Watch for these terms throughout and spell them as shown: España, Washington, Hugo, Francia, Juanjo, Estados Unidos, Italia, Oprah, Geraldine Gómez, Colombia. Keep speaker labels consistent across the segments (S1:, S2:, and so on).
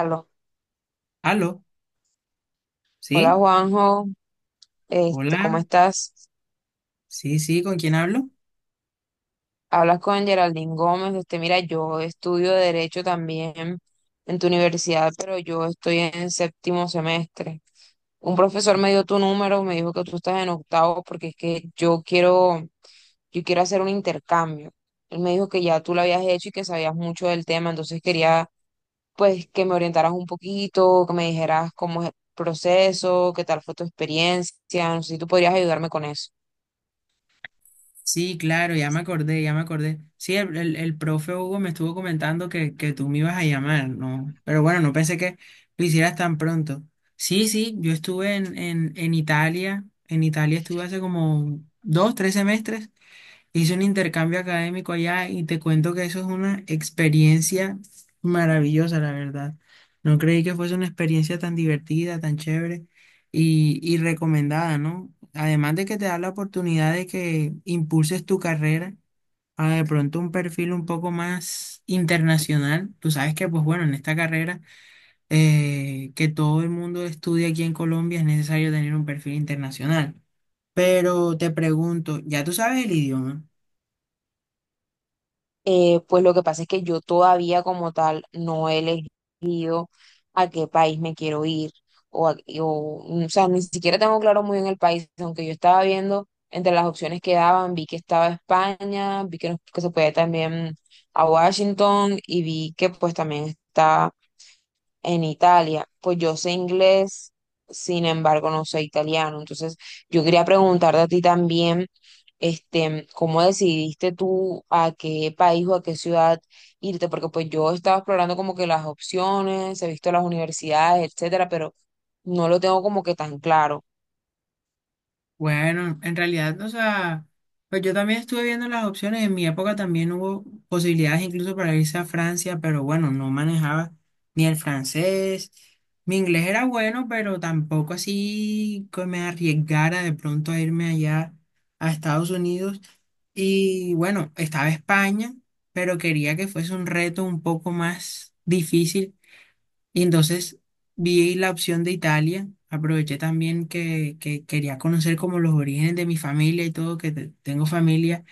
S1: Aló.
S2: Aló,
S1: Hola
S2: ¿sí?
S1: Juanjo,
S2: Hola,
S1: ¿cómo estás?
S2: sí, sí, ¿con quién hablo?
S1: Hablas con Geraldine Gómez, usted mira, yo estudio Derecho también en tu universidad, pero yo estoy en séptimo semestre. Un profesor me dio tu número, me dijo que tú estás en octavo porque es que yo quiero hacer un intercambio. Él me dijo que ya tú lo habías hecho y que sabías mucho del tema, entonces quería pues que me orientaras un poquito, que me dijeras cómo es el proceso, qué tal fue tu experiencia, no sé si tú podrías ayudarme con eso.
S2: Sí, claro, ya me acordé, ya me acordé. Sí, el profe Hugo me estuvo comentando que tú me ibas a llamar, ¿no? Pero bueno, no pensé que lo hicieras tan pronto. Sí, sí, yo estuve en Italia, en Italia estuve hace como dos, tres semestres. Hice un intercambio académico allá y te cuento que eso es una experiencia maravillosa, la verdad. No creí que fuese una experiencia tan divertida, tan chévere y recomendada, ¿no? Además de que te da la oportunidad de que impulses tu carrera a de pronto un perfil un poco más internacional. Tú sabes que, pues bueno, en esta carrera, que todo el mundo estudia aquí en Colombia, es necesario tener un perfil internacional. Pero te pregunto, ¿ya tú sabes el idioma?
S1: Pues lo que pasa es que yo todavía como tal no he elegido a qué país me quiero ir o, a- o, mm, o sea, ni siquiera tengo claro muy bien el país, aunque yo estaba viendo entre las opciones que daban, vi que estaba España, que se podía también a Washington y vi que pues también está en Italia. Pues yo sé inglés, sin embargo, no sé italiano. Entonces, yo quería preguntarte a ti también, ¿cómo decidiste tú a qué país o a qué ciudad irte? Porque pues yo estaba explorando como que las opciones, he visto las universidades, etcétera, pero no lo tengo como que tan claro.
S2: Bueno, en realidad, o sea, pues yo también estuve viendo las opciones. En mi época también hubo posibilidades incluso para irse a Francia, pero bueno, no manejaba ni el francés. Mi inglés era bueno, pero tampoco así que me arriesgara de pronto a irme allá a Estados Unidos. Y bueno, estaba España, pero quería que fuese un reto un poco más difícil. Y entonces vi la opción de Italia, aproveché también que quería conocer como los orígenes de mi familia y todo, que tengo familia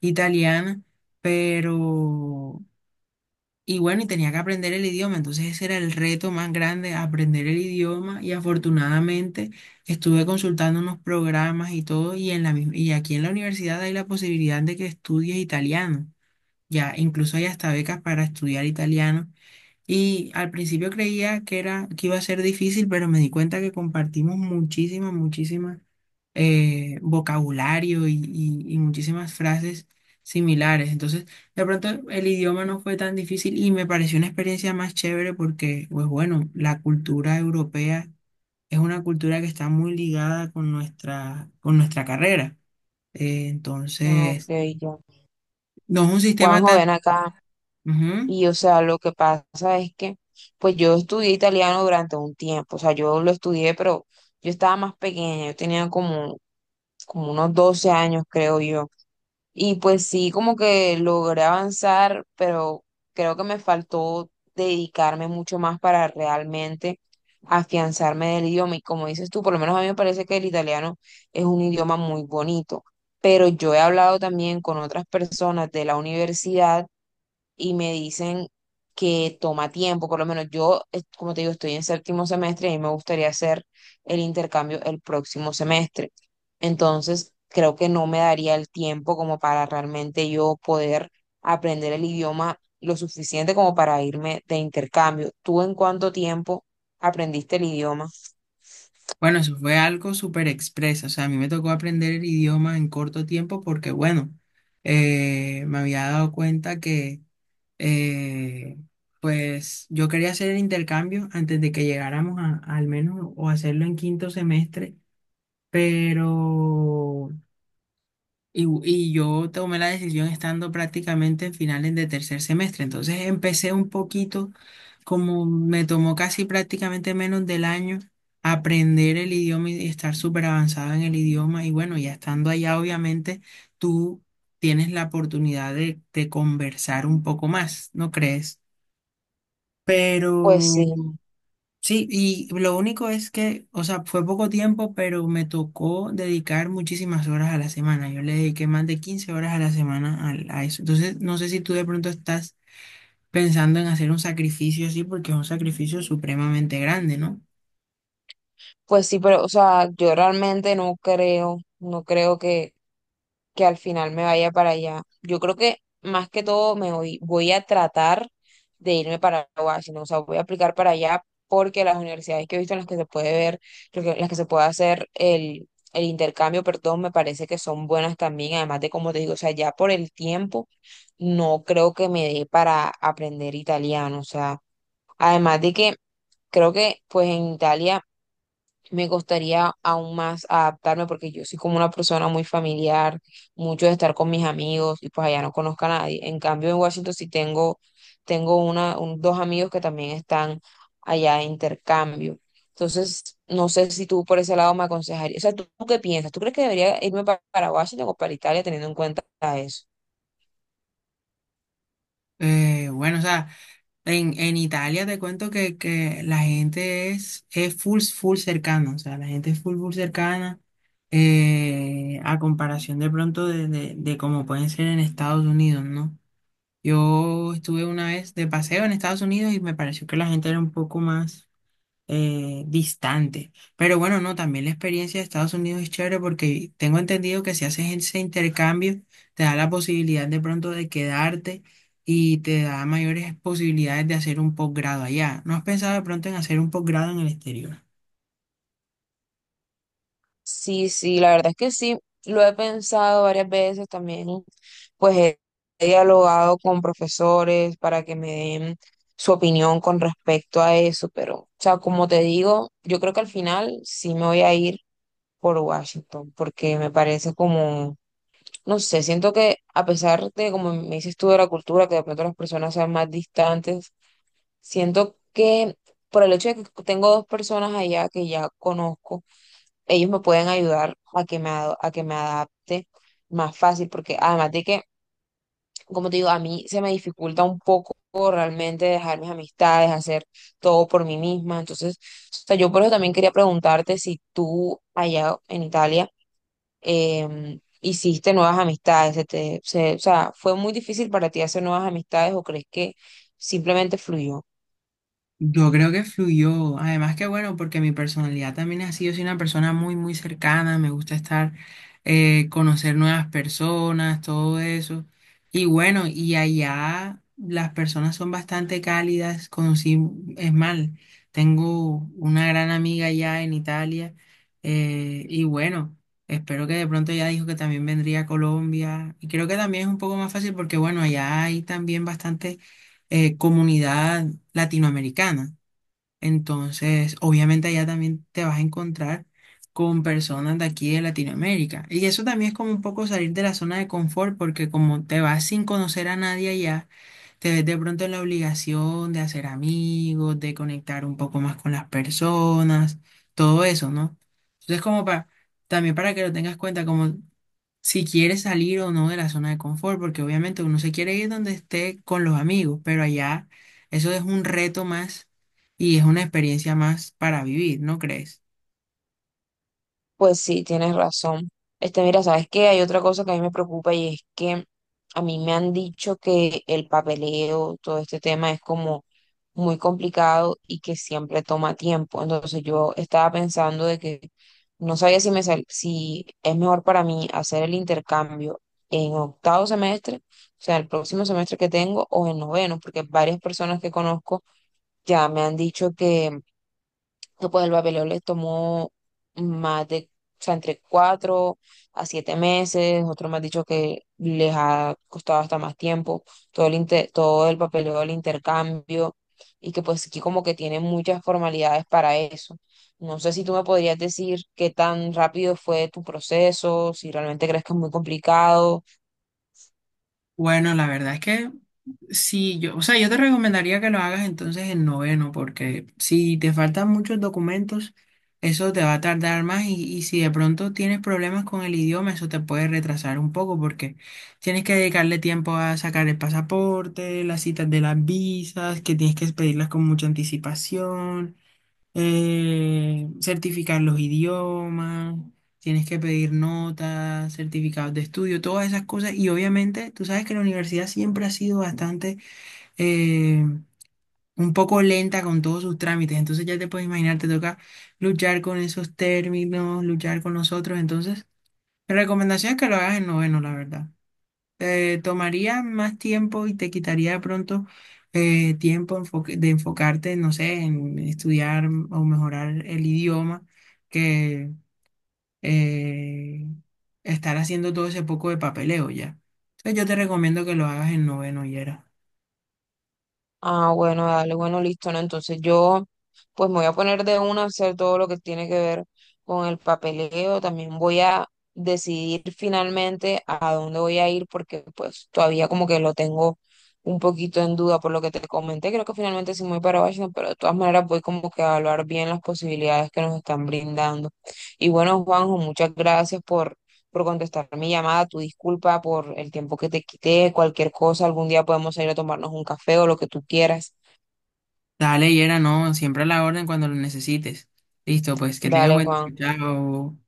S2: italiana, pero... Y bueno, y tenía que aprender el idioma, entonces ese era el reto más grande, aprender el idioma. Y afortunadamente estuve consultando unos programas y todo y, y aquí en la universidad hay la posibilidad de que estudies italiano, ya incluso hay hasta becas para estudiar italiano. Y al principio creía que era, que iba a ser difícil, pero me di cuenta que compartimos muchísimas, muchísimas, vocabulario y muchísimas frases similares. Entonces, de pronto el idioma no fue tan difícil y me pareció una experiencia más chévere porque, pues bueno, la cultura europea es una cultura que está muy ligada con con nuestra carrera.
S1: Ah, ok,
S2: Entonces,
S1: ya.
S2: no es un sistema
S1: Juanjo,
S2: tan...
S1: ven acá.
S2: Ujú.
S1: Y o sea, lo que pasa es que, pues yo estudié italiano durante un tiempo. O sea, yo lo estudié, pero yo estaba más pequeña, yo tenía como unos 12 años, creo yo. Y pues sí, como que logré avanzar, pero creo que me faltó dedicarme mucho más para realmente afianzarme del idioma. Y como dices tú, por lo menos a mí me parece que el italiano es un idioma muy bonito, pero yo he hablado también con otras personas de la universidad y me dicen que toma tiempo, por lo menos yo, como te digo, estoy en séptimo semestre y a mí me gustaría hacer el intercambio el próximo semestre. Entonces, creo que no me daría el tiempo como para realmente yo poder aprender el idioma lo suficiente como para irme de intercambio. ¿Tú en cuánto tiempo aprendiste el idioma?
S2: Bueno, eso fue algo súper expreso. O sea, a mí me tocó aprender el idioma en corto tiempo porque, bueno, me había dado cuenta que, eh, pues, yo quería hacer el intercambio antes de que llegáramos a, al menos o hacerlo en quinto semestre, pero y yo tomé la decisión estando prácticamente en finales de tercer semestre. Entonces empecé un poquito, como me tomó casi prácticamente menos del año, aprender el idioma y estar súper avanzada en el idioma. Y bueno, ya estando allá, obviamente, tú tienes la oportunidad de conversar un poco más, ¿no crees?
S1: Pues
S2: Pero
S1: sí,
S2: sí, y lo único es que, o sea, fue poco tiempo, pero me tocó dedicar muchísimas horas a la semana. Yo le dediqué más de 15 horas a la semana eso. Entonces, no sé si tú de pronto estás pensando en hacer un sacrificio así, porque es un sacrificio supremamente grande, ¿no?
S1: pues sí, pero o sea, yo realmente no creo, no creo que al final me vaya para allá. Yo creo que más que todo me voy, voy a tratar de irme para Washington, o sea, voy a aplicar para allá porque las universidades que he visto en las que se puede ver, las que se puede hacer el intercambio, perdón, me parece que son buenas también, además de como te digo, o sea, ya por el tiempo no creo que me dé para aprender italiano, o sea, además de que creo que pues en Italia me gustaría aún más adaptarme porque yo soy como una persona muy familiar, mucho de estar con mis amigos y pues allá no conozco a nadie. En cambio, en Washington sí tengo, dos amigos que también están allá de intercambio. Entonces, no sé si tú por ese lado me aconsejarías. O sea, ¿tú qué piensas? ¿Tú crees que debería irme para Washington o para Italia teniendo en cuenta eso?
S2: Bueno, o sea, en Italia te cuento que la gente es full, full cercana, o sea, la gente es full, full cercana. A comparación de pronto de como pueden ser en Estados Unidos, ¿no? Yo estuve una vez de paseo en Estados Unidos y me pareció que la gente era un poco más distante. Pero bueno, no, también la experiencia de Estados Unidos es chévere porque tengo entendido que si haces ese intercambio, te da la posibilidad de pronto de quedarte y te da mayores posibilidades de hacer un posgrado allá. ¿No has pensado de pronto en hacer un posgrado en el exterior?
S1: Sí, sí, la verdad es que sí, lo he pensado varias veces también, pues he dialogado con profesores para que me den su opinión con respecto a eso, pero, o sea, como te digo, yo creo que al final sí me voy a ir por Washington, porque me parece como, no sé, siento que a pesar de, como me dices tú, de la cultura, que de pronto las personas sean más distantes, siento que por el hecho de que tengo dos personas allá que ya conozco, ellos me pueden ayudar a que a que me adapte más fácil, porque además de que, como te digo, a mí se me dificulta un poco realmente dejar mis amistades, hacer todo por mí misma. Entonces, o sea, yo por eso también quería preguntarte si tú allá en Italia hiciste nuevas amistades, o sea, ¿fue muy difícil para ti hacer nuevas amistades o crees que simplemente fluyó?
S2: Yo creo que fluyó, además que bueno, porque mi personalidad también ha sido, soy una persona muy, muy cercana, me gusta estar, conocer nuevas personas, todo eso. Y bueno, y allá las personas son bastante cálidas, conocí, es mal, tengo una gran amiga allá en Italia, y bueno, espero que de pronto ya dijo que también vendría a Colombia, y creo que también es un poco más fácil porque bueno, allá hay también bastante comunidad latinoamericana. Entonces, obviamente allá también te vas a encontrar con personas de aquí de Latinoamérica. Y eso también es como un poco salir de la zona de confort, porque como te vas sin conocer a nadie allá, te ves de pronto en la obligación de hacer amigos, de conectar un poco más con las personas, todo eso, ¿no? Entonces, como para, también para que lo tengas cuenta, como si quiere salir o no de la zona de confort, porque obviamente uno se quiere ir donde esté con los amigos, pero allá eso es un reto más y es una experiencia más para vivir, ¿no crees?
S1: Pues sí, tienes razón. Mira, ¿sabes qué? Hay otra cosa que a mí me preocupa y es que a mí me han dicho que el papeleo, todo este tema es como muy complicado y que siempre toma tiempo. Entonces yo estaba pensando de que no sabía si es mejor para mí hacer el intercambio en octavo semestre, o sea, el próximo semestre que tengo, o en noveno, porque varias personas que conozco ya me han dicho que pues el papeleo les tomó más de, o sea, entre 4 a 7 meses, otros me han dicho que les ha costado hasta más tiempo, todo el papeleo del intercambio, y que pues aquí como que tienen muchas formalidades para eso. No sé si tú me podrías decir qué tan rápido fue tu proceso, si realmente crees que es muy complicado.
S2: Bueno, la verdad es que sí, yo, o sea, yo te recomendaría que lo hagas entonces en noveno, porque si te faltan muchos documentos, eso te va a tardar más y si de pronto tienes problemas con el idioma, eso te puede retrasar un poco, porque tienes que dedicarle tiempo a sacar el pasaporte, las citas de las visas, que tienes que pedirlas con mucha anticipación, certificar los idiomas, tienes que pedir notas, certificados de estudio, todas esas cosas. Y obviamente, tú sabes que la universidad siempre ha sido bastante, eh, un poco lenta con todos sus trámites. Entonces ya te puedes imaginar, te toca luchar con esos términos, luchar con los otros. Entonces, mi recomendación es que lo hagas en noveno, la verdad. Tomaría más tiempo y te quitaría de pronto tiempo de enfocarte, no sé, en estudiar o mejorar el idioma que eh, estar haciendo todo ese poco de papeleo ya. Entonces yo te recomiendo que lo hagas en noveno, Yera.
S1: Ah, bueno, dale, bueno, listo, ¿no? Entonces yo, pues me voy a poner de una a hacer todo lo que tiene que ver con el papeleo. También voy a decidir finalmente a dónde voy a ir porque pues todavía como que lo tengo un poquito en duda por lo que te comenté. Creo que finalmente sí me voy para Washington, pero de todas maneras voy como que a evaluar bien las posibilidades que nos están brindando. Y bueno, Juanjo, muchas gracias por contestar mi llamada, tu disculpa por el tiempo que te quité, cualquier cosa, algún día podemos ir a tomarnos un café o lo que tú quieras.
S2: Dale, Yera, no, siempre a la orden cuando lo necesites. Listo, pues que tengas
S1: Dale,
S2: buen
S1: Juan.
S2: día. Chao.